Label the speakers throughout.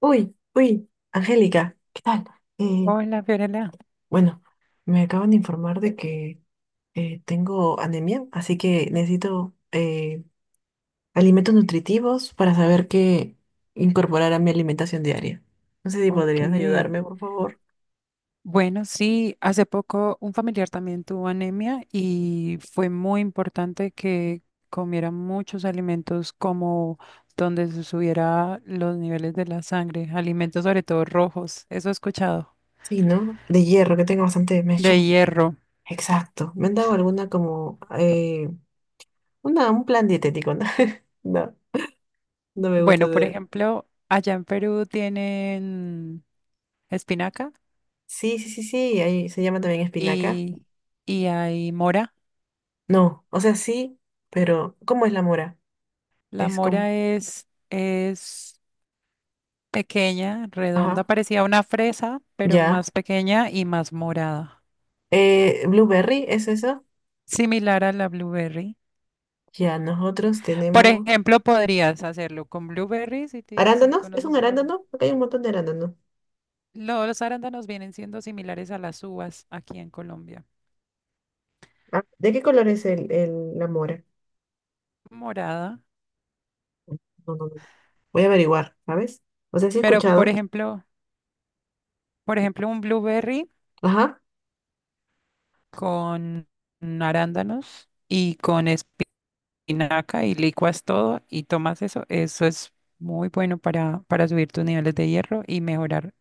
Speaker 1: Uy, uy, Angélica, ¿qué tal? Eh,
Speaker 2: Hola, Fiorella.
Speaker 1: bueno, me acaban de informar de que tengo anemia, así que necesito alimentos nutritivos para saber qué incorporar a mi alimentación diaria. No sé si
Speaker 2: Ok.
Speaker 1: podrías ayudarme, por favor.
Speaker 2: Bueno, sí, hace poco un familiar también tuvo anemia y fue muy importante que comiera muchos alimentos como donde se subiera los niveles de la sangre, alimentos sobre todo rojos, eso he escuchado,
Speaker 1: Sí, ¿no? De hierro, que tengo bastante, me he
Speaker 2: de
Speaker 1: hecho.
Speaker 2: hierro.
Speaker 1: Exacto. Me han dado alguna como una, un plan dietético, ¿no? No, no me gusta
Speaker 2: Bueno, por
Speaker 1: hacer.
Speaker 2: ejemplo, allá en Perú tienen espinaca
Speaker 1: Sí, sí, sí, sí, ahí se llama también espinaca.
Speaker 2: y, y hay mora.
Speaker 1: No, o sea, sí, pero ¿cómo es la mora?
Speaker 2: La
Speaker 1: Es como,
Speaker 2: mora es, es pequeña, redonda,
Speaker 1: ajá,
Speaker 2: parecía una fresa, pero
Speaker 1: ya.
Speaker 2: más pequeña y más morada,
Speaker 1: Blueberry, ¿es eso?
Speaker 2: similar a la blueberry.
Speaker 1: Ya, nosotros
Speaker 2: Por
Speaker 1: tenemos
Speaker 2: ejemplo, podrías hacerlo con blueberry si, si
Speaker 1: arándanos, ¿es un
Speaker 2: conoces la...
Speaker 1: arándano? Acá hay un montón de arándanos.
Speaker 2: Los arándanos vienen siendo similares a las uvas aquí en Colombia.
Speaker 1: Ah, ¿de qué color es la mora?
Speaker 2: Morada,
Speaker 1: No, no, no, no. Voy a averiguar, ¿sabes? O sea, sí he
Speaker 2: pero por
Speaker 1: escuchado.
Speaker 2: ejemplo, por ejemplo, un blueberry
Speaker 1: Ajá.
Speaker 2: con arándanos y con espinaca y licuas todo y tomas eso, eso es muy bueno para subir tus niveles de hierro y mejorar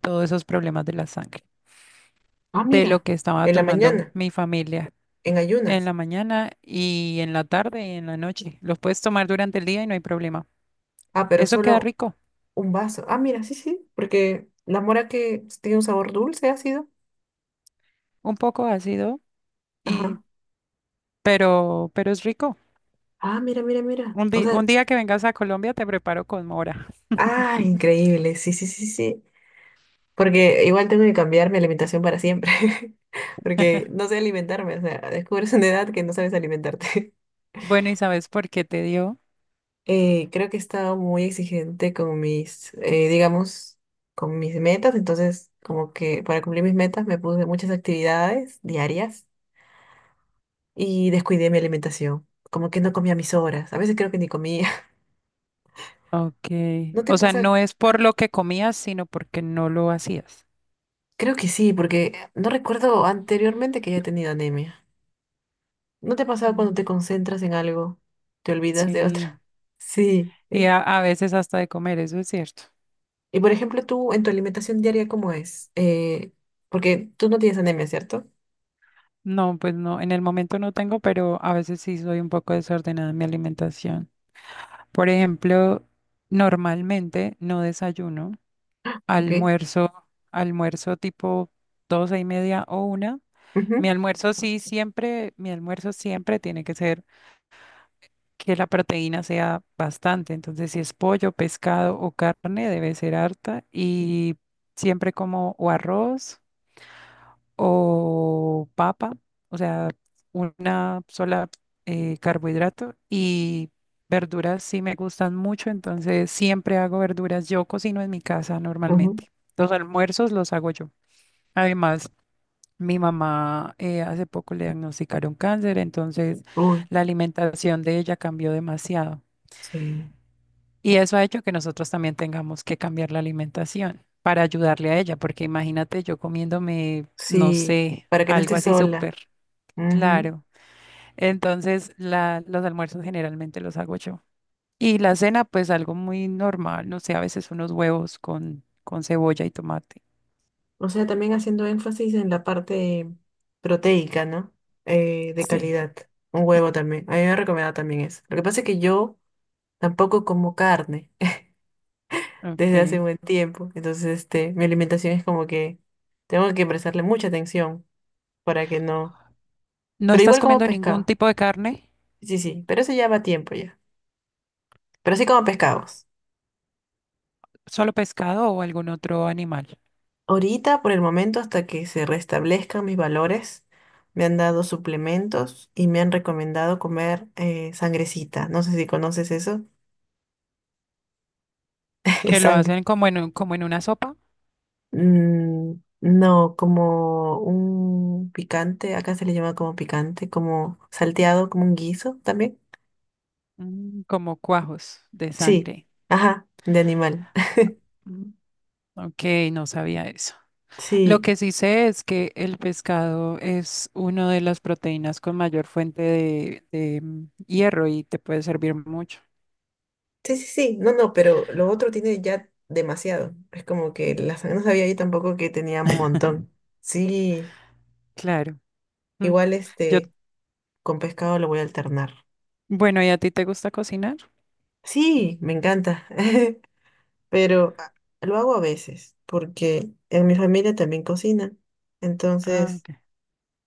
Speaker 2: todos esos problemas de la sangre,
Speaker 1: Ah,
Speaker 2: de lo
Speaker 1: mira,
Speaker 2: que estaba
Speaker 1: en la
Speaker 2: tomando
Speaker 1: mañana,
Speaker 2: mi familia
Speaker 1: en
Speaker 2: en
Speaker 1: ayunas.
Speaker 2: la mañana y en la tarde y en la noche. Los puedes tomar durante el día y no hay problema.
Speaker 1: Ah, pero
Speaker 2: Eso queda
Speaker 1: solo
Speaker 2: rico,
Speaker 1: un vaso. Ah, mira, sí, sí, porque la mora que tiene un sabor dulce, ácido.
Speaker 2: un poco ácido y
Speaker 1: Ajá.
Speaker 2: pero es rico.
Speaker 1: Ah, mira, mira, mira.
Speaker 2: Un
Speaker 1: O
Speaker 2: di- un
Speaker 1: sea,
Speaker 2: día que vengas a Colombia te preparo con mora.
Speaker 1: ah, increíble. Sí, sí, sí, sí. Porque igual tengo que cambiar mi alimentación para siempre. Porque no sé alimentarme. O sea, descubres una edad que no sabes alimentarte.
Speaker 2: Bueno, ¿y sabes por qué te dio?
Speaker 1: Creo que he estado muy exigente con mis, digamos, con mis metas. Entonces, como que para cumplir mis metas me puse muchas actividades diarias y descuidé mi alimentación. Como que no comía mis horas. A veces creo que ni comía.
Speaker 2: Ok.
Speaker 1: ¿No te
Speaker 2: O sea,
Speaker 1: pasa?
Speaker 2: no es por lo que comías, sino porque no lo hacías.
Speaker 1: Creo que sí, porque no recuerdo anteriormente que haya tenido anemia. ¿No te pasa cuando
Speaker 2: Mm.
Speaker 1: te concentras en algo, te olvidas de
Speaker 2: Sí.
Speaker 1: otra? Sí.
Speaker 2: Y a veces hasta de comer, eso es cierto.
Speaker 1: Y por ejemplo, tú en tu alimentación diaria, ¿cómo es? Porque tú no tienes anemia, ¿cierto?
Speaker 2: No, pues no, en el momento no tengo, pero a veces sí soy un poco desordenada en mi alimentación. Por ejemplo, normalmente no desayuno,
Speaker 1: Ok.
Speaker 2: almuerzo, almuerzo tipo 12:30 o una. Mi
Speaker 1: Ujú,
Speaker 2: almuerzo sí siempre, mi almuerzo siempre tiene que ser que la proteína sea bastante. Entonces, si es pollo, pescado o carne, debe ser harta y siempre como o arroz o papa, o sea, una sola carbohidrato y verduras sí me gustan mucho, entonces siempre hago verduras. Yo cocino en mi casa
Speaker 1: ujú.
Speaker 2: normalmente. Los almuerzos los hago yo. Además, mi mamá hace poco le diagnosticaron cáncer, entonces
Speaker 1: Uy,
Speaker 2: la alimentación de ella cambió demasiado.
Speaker 1: sí.
Speaker 2: Y eso ha hecho que nosotros también tengamos que cambiar la alimentación para ayudarle a ella, porque imagínate yo comiéndome, no
Speaker 1: Sí,
Speaker 2: sé,
Speaker 1: para que no
Speaker 2: algo
Speaker 1: estés
Speaker 2: así
Speaker 1: sola.
Speaker 2: súper...
Speaker 1: Ujú.
Speaker 2: Claro. Entonces, los almuerzos generalmente los hago yo. Y la cena, pues algo muy normal, no sé, a veces unos huevos con cebolla y tomate.
Speaker 1: O sea, también haciendo énfasis en la parte proteica, ¿no? De
Speaker 2: Sí,
Speaker 1: calidad. Un huevo también. A mí me ha recomendado también eso. Lo que pasa es que yo tampoco como carne desde hace
Speaker 2: ok.
Speaker 1: un buen tiempo. Entonces, este, mi alimentación es como que tengo que prestarle mucha atención para que no.
Speaker 2: ¿No
Speaker 1: Pero
Speaker 2: estás
Speaker 1: igual como
Speaker 2: comiendo ningún
Speaker 1: pescado.
Speaker 2: tipo de carne?
Speaker 1: Sí, sí, pero eso ya va tiempo ya. Pero sí como pescados.
Speaker 2: ¿Solo pescado o algún otro animal?
Speaker 1: Ahorita, por el momento, hasta que se restablezcan mis valores, me han dado suplementos y me han recomendado comer sangrecita. No sé si conoces eso. Es
Speaker 2: Que lo
Speaker 1: sangre.
Speaker 2: hacen como en, como en una sopa.
Speaker 1: Mm, no, como un picante, acá se le llama como picante, como salteado, como un guiso también.
Speaker 2: Mm, como cuajos de
Speaker 1: Sí,
Speaker 2: sangre.
Speaker 1: ajá, de animal.
Speaker 2: Mm. Ok, no sabía eso. Lo
Speaker 1: Sí,
Speaker 2: que sí sé es que el pescado es una de las proteínas con mayor fuente de, mm, hierro y te puede servir mucho.
Speaker 1: sí, sí, sí, no, no, pero lo otro tiene ya demasiado. Es como que la sangre no sabía yo tampoco que tenía un montón. Sí,
Speaker 2: Claro. Mm.
Speaker 1: igual
Speaker 2: Yo,
Speaker 1: este, con pescado lo voy a alternar.
Speaker 2: bueno, ¿y a ti te gusta cocinar?
Speaker 1: Sí, me encanta, pero lo hago a veces, porque en mi familia también cocina.
Speaker 2: Ah,
Speaker 1: Entonces,
Speaker 2: ok.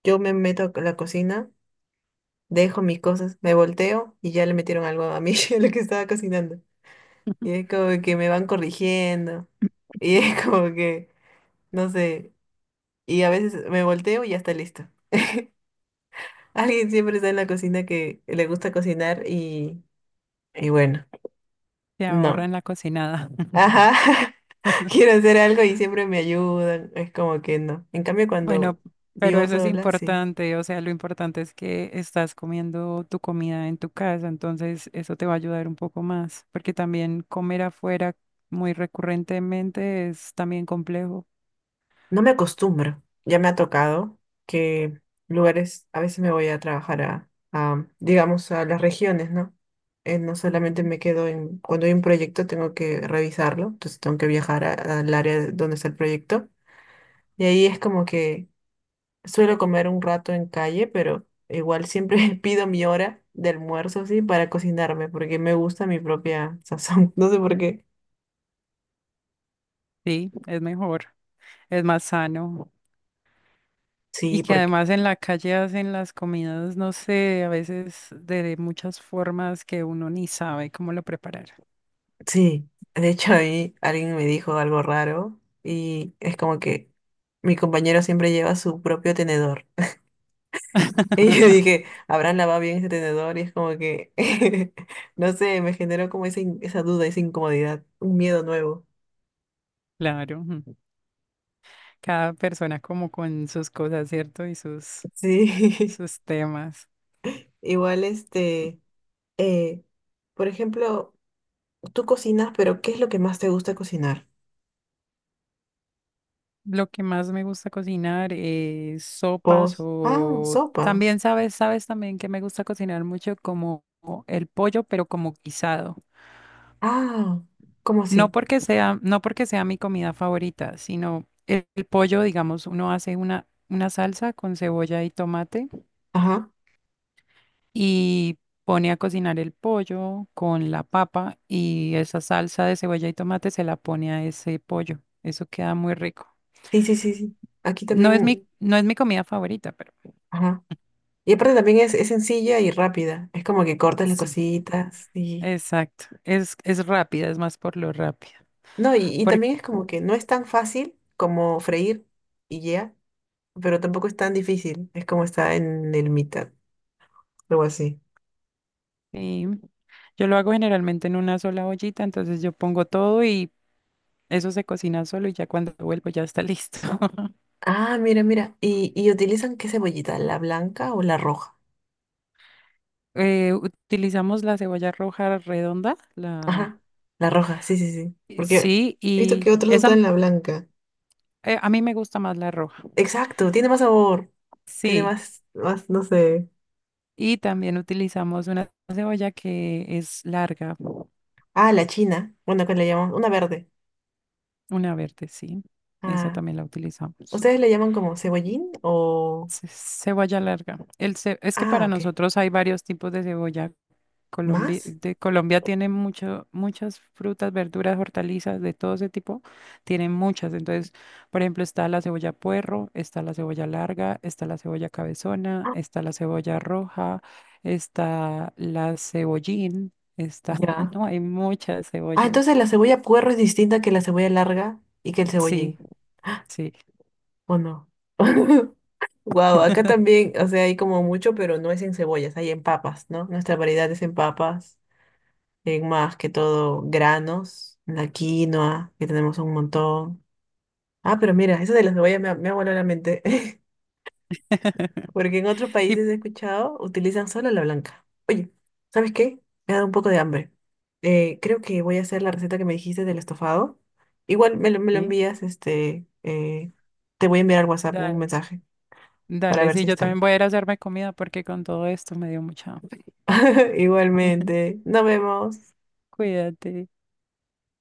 Speaker 1: yo me meto a la cocina, dejo mis cosas, me volteo y ya le metieron algo a mí, a lo que estaba cocinando. Y es como que me van corrigiendo. Y es como que, no sé. Y a veces me volteo y ya está listo. Alguien siempre está en la cocina que le gusta cocinar y bueno,
Speaker 2: Te ahorra
Speaker 1: no.
Speaker 2: en la cocinada.
Speaker 1: Ajá. Quiero hacer algo y siempre me ayudan. Es como que no. En cambio, cuando
Speaker 2: Bueno, pero
Speaker 1: vivo
Speaker 2: eso es
Speaker 1: sola, sí.
Speaker 2: importante, o sea, lo importante es que estás comiendo tu comida en tu casa, entonces eso te va a ayudar un poco más, porque también comer afuera muy recurrentemente es también complejo.
Speaker 1: No me acostumbro. Ya me ha tocado que lugares, a veces me voy a trabajar a, digamos, a las regiones, ¿no? No solamente
Speaker 2: Ujú.
Speaker 1: me quedo en, cuando hay un proyecto tengo que revisarlo, entonces tengo que viajar al área donde está el proyecto. Y ahí es como que suelo comer un rato en calle, pero igual siempre pido mi hora de almuerzo, sí, para cocinarme, porque me gusta mi propia sazón. No sé por qué.
Speaker 2: Sí, es mejor. Es más sano. Y
Speaker 1: Sí,
Speaker 2: que
Speaker 1: porque
Speaker 2: además en la calle hacen las comidas, no sé, a veces de muchas formas que uno ni sabe cómo lo preparar.
Speaker 1: sí, de hecho ahí alguien me dijo algo raro y es como que mi compañero siempre lleva su propio tenedor. Y yo dije, ¿habrán lavado bien ese tenedor? Y es como que, no sé, me generó como esa, esa duda, esa incomodidad, un miedo nuevo.
Speaker 2: Claro, ujú. Cada persona como con sus cosas, ¿cierto? Y sus,
Speaker 1: Sí,
Speaker 2: sus temas.
Speaker 1: igual este, eh, por ejemplo, tú cocinas, pero ¿qué es lo que más te gusta cocinar?
Speaker 2: Lo que más me gusta cocinar es sopas
Speaker 1: Pos. Ah,
Speaker 2: o
Speaker 1: sopas.
Speaker 2: también sabes, sabes también que me gusta cocinar mucho como el pollo, pero como guisado.
Speaker 1: Ah, ¿cómo
Speaker 2: No
Speaker 1: así?
Speaker 2: porque sea, no porque sea mi comida favorita, sino el pollo, digamos, uno hace una salsa con cebolla y tomate
Speaker 1: Ajá.
Speaker 2: y pone a cocinar el pollo con la papa y esa salsa de cebolla y tomate se la pone a ese pollo. Eso queda muy rico.
Speaker 1: Sí, sí, sí, sí. Aquí
Speaker 2: No es mi,
Speaker 1: también.
Speaker 2: no es mi comida favorita, pero
Speaker 1: Ajá. Y aparte también es sencilla y rápida. Es como que cortas las
Speaker 2: sí,
Speaker 1: cositas y...
Speaker 2: exacto. Es rápida, es más por lo rápida.
Speaker 1: No, y
Speaker 2: Porque
Speaker 1: también es como que no es tan fácil como freír y ya, pero tampoco es tan difícil. Es como está en el mitad, algo así.
Speaker 2: yo lo hago generalmente en una sola ollita, entonces yo pongo todo y eso se cocina solo y ya cuando vuelvo ya está listo.
Speaker 1: Ah, mira, mira. Y utilizan qué cebollita? ¿La blanca o la roja?
Speaker 2: Utilizamos la cebolla roja redonda, la
Speaker 1: Ajá, la roja, sí, sí, sí. Porque
Speaker 2: sí,
Speaker 1: he visto que
Speaker 2: y
Speaker 1: otros
Speaker 2: esa
Speaker 1: usan la blanca.
Speaker 2: a mí me gusta más la roja.
Speaker 1: Exacto, tiene más sabor. Tiene
Speaker 2: Sí,
Speaker 1: más, más, no sé.
Speaker 2: y también utilizamos una cebolla que es larga,
Speaker 1: Ah, la china. Bueno, acá le llamamos una verde.
Speaker 2: una verde, sí. Esa
Speaker 1: Ah.
Speaker 2: también la utilizamos.
Speaker 1: ¿Ustedes le llaman como cebollín o...?
Speaker 2: Cebolla larga. Es que
Speaker 1: Ah,
Speaker 2: para
Speaker 1: ok.
Speaker 2: nosotros hay varios tipos de cebolla. Colombia,
Speaker 1: ¿Más?
Speaker 2: de Colombia tiene mucho, muchas frutas, verduras, hortalizas, de todo ese tipo. Tienen muchas. Entonces, por ejemplo, está la cebolla puerro, está la cebolla larga, está la cebolla cabezona, está la cebolla roja, está la cebollín, está,
Speaker 1: Ya.
Speaker 2: no, hay muchas
Speaker 1: Ah,
Speaker 2: cebollas.
Speaker 1: entonces la cebolla puerro es distinta que la cebolla larga y que el cebollín.
Speaker 2: Sí,
Speaker 1: Ah,
Speaker 2: sí.
Speaker 1: ¿o no? Wow, acá también, o sea, hay como mucho, pero no es en cebollas, hay en papas, ¿no? Nuestra variedad es en papas, en más que todo granos, la quinoa, que tenemos un montón. Ah, pero mira, eso de la cebolla me ha volado la mente. Porque en otros
Speaker 2: Y
Speaker 1: países he escuchado, utilizan solo la blanca. Oye, ¿sabes qué? Me ha dado un poco de hambre. Creo que voy a hacer la receta que me dijiste del estofado. Igual me lo
Speaker 2: sí,
Speaker 1: envías, este, te voy a enviar al WhatsApp un
Speaker 2: dale,
Speaker 1: mensaje para
Speaker 2: dale,
Speaker 1: ver
Speaker 2: sí,
Speaker 1: si
Speaker 2: yo
Speaker 1: está
Speaker 2: también
Speaker 1: bien.
Speaker 2: voy a ir a hacerme comida porque con todo esto me dio mucha hambre.
Speaker 1: Igualmente, nos vemos.
Speaker 2: Cuídate.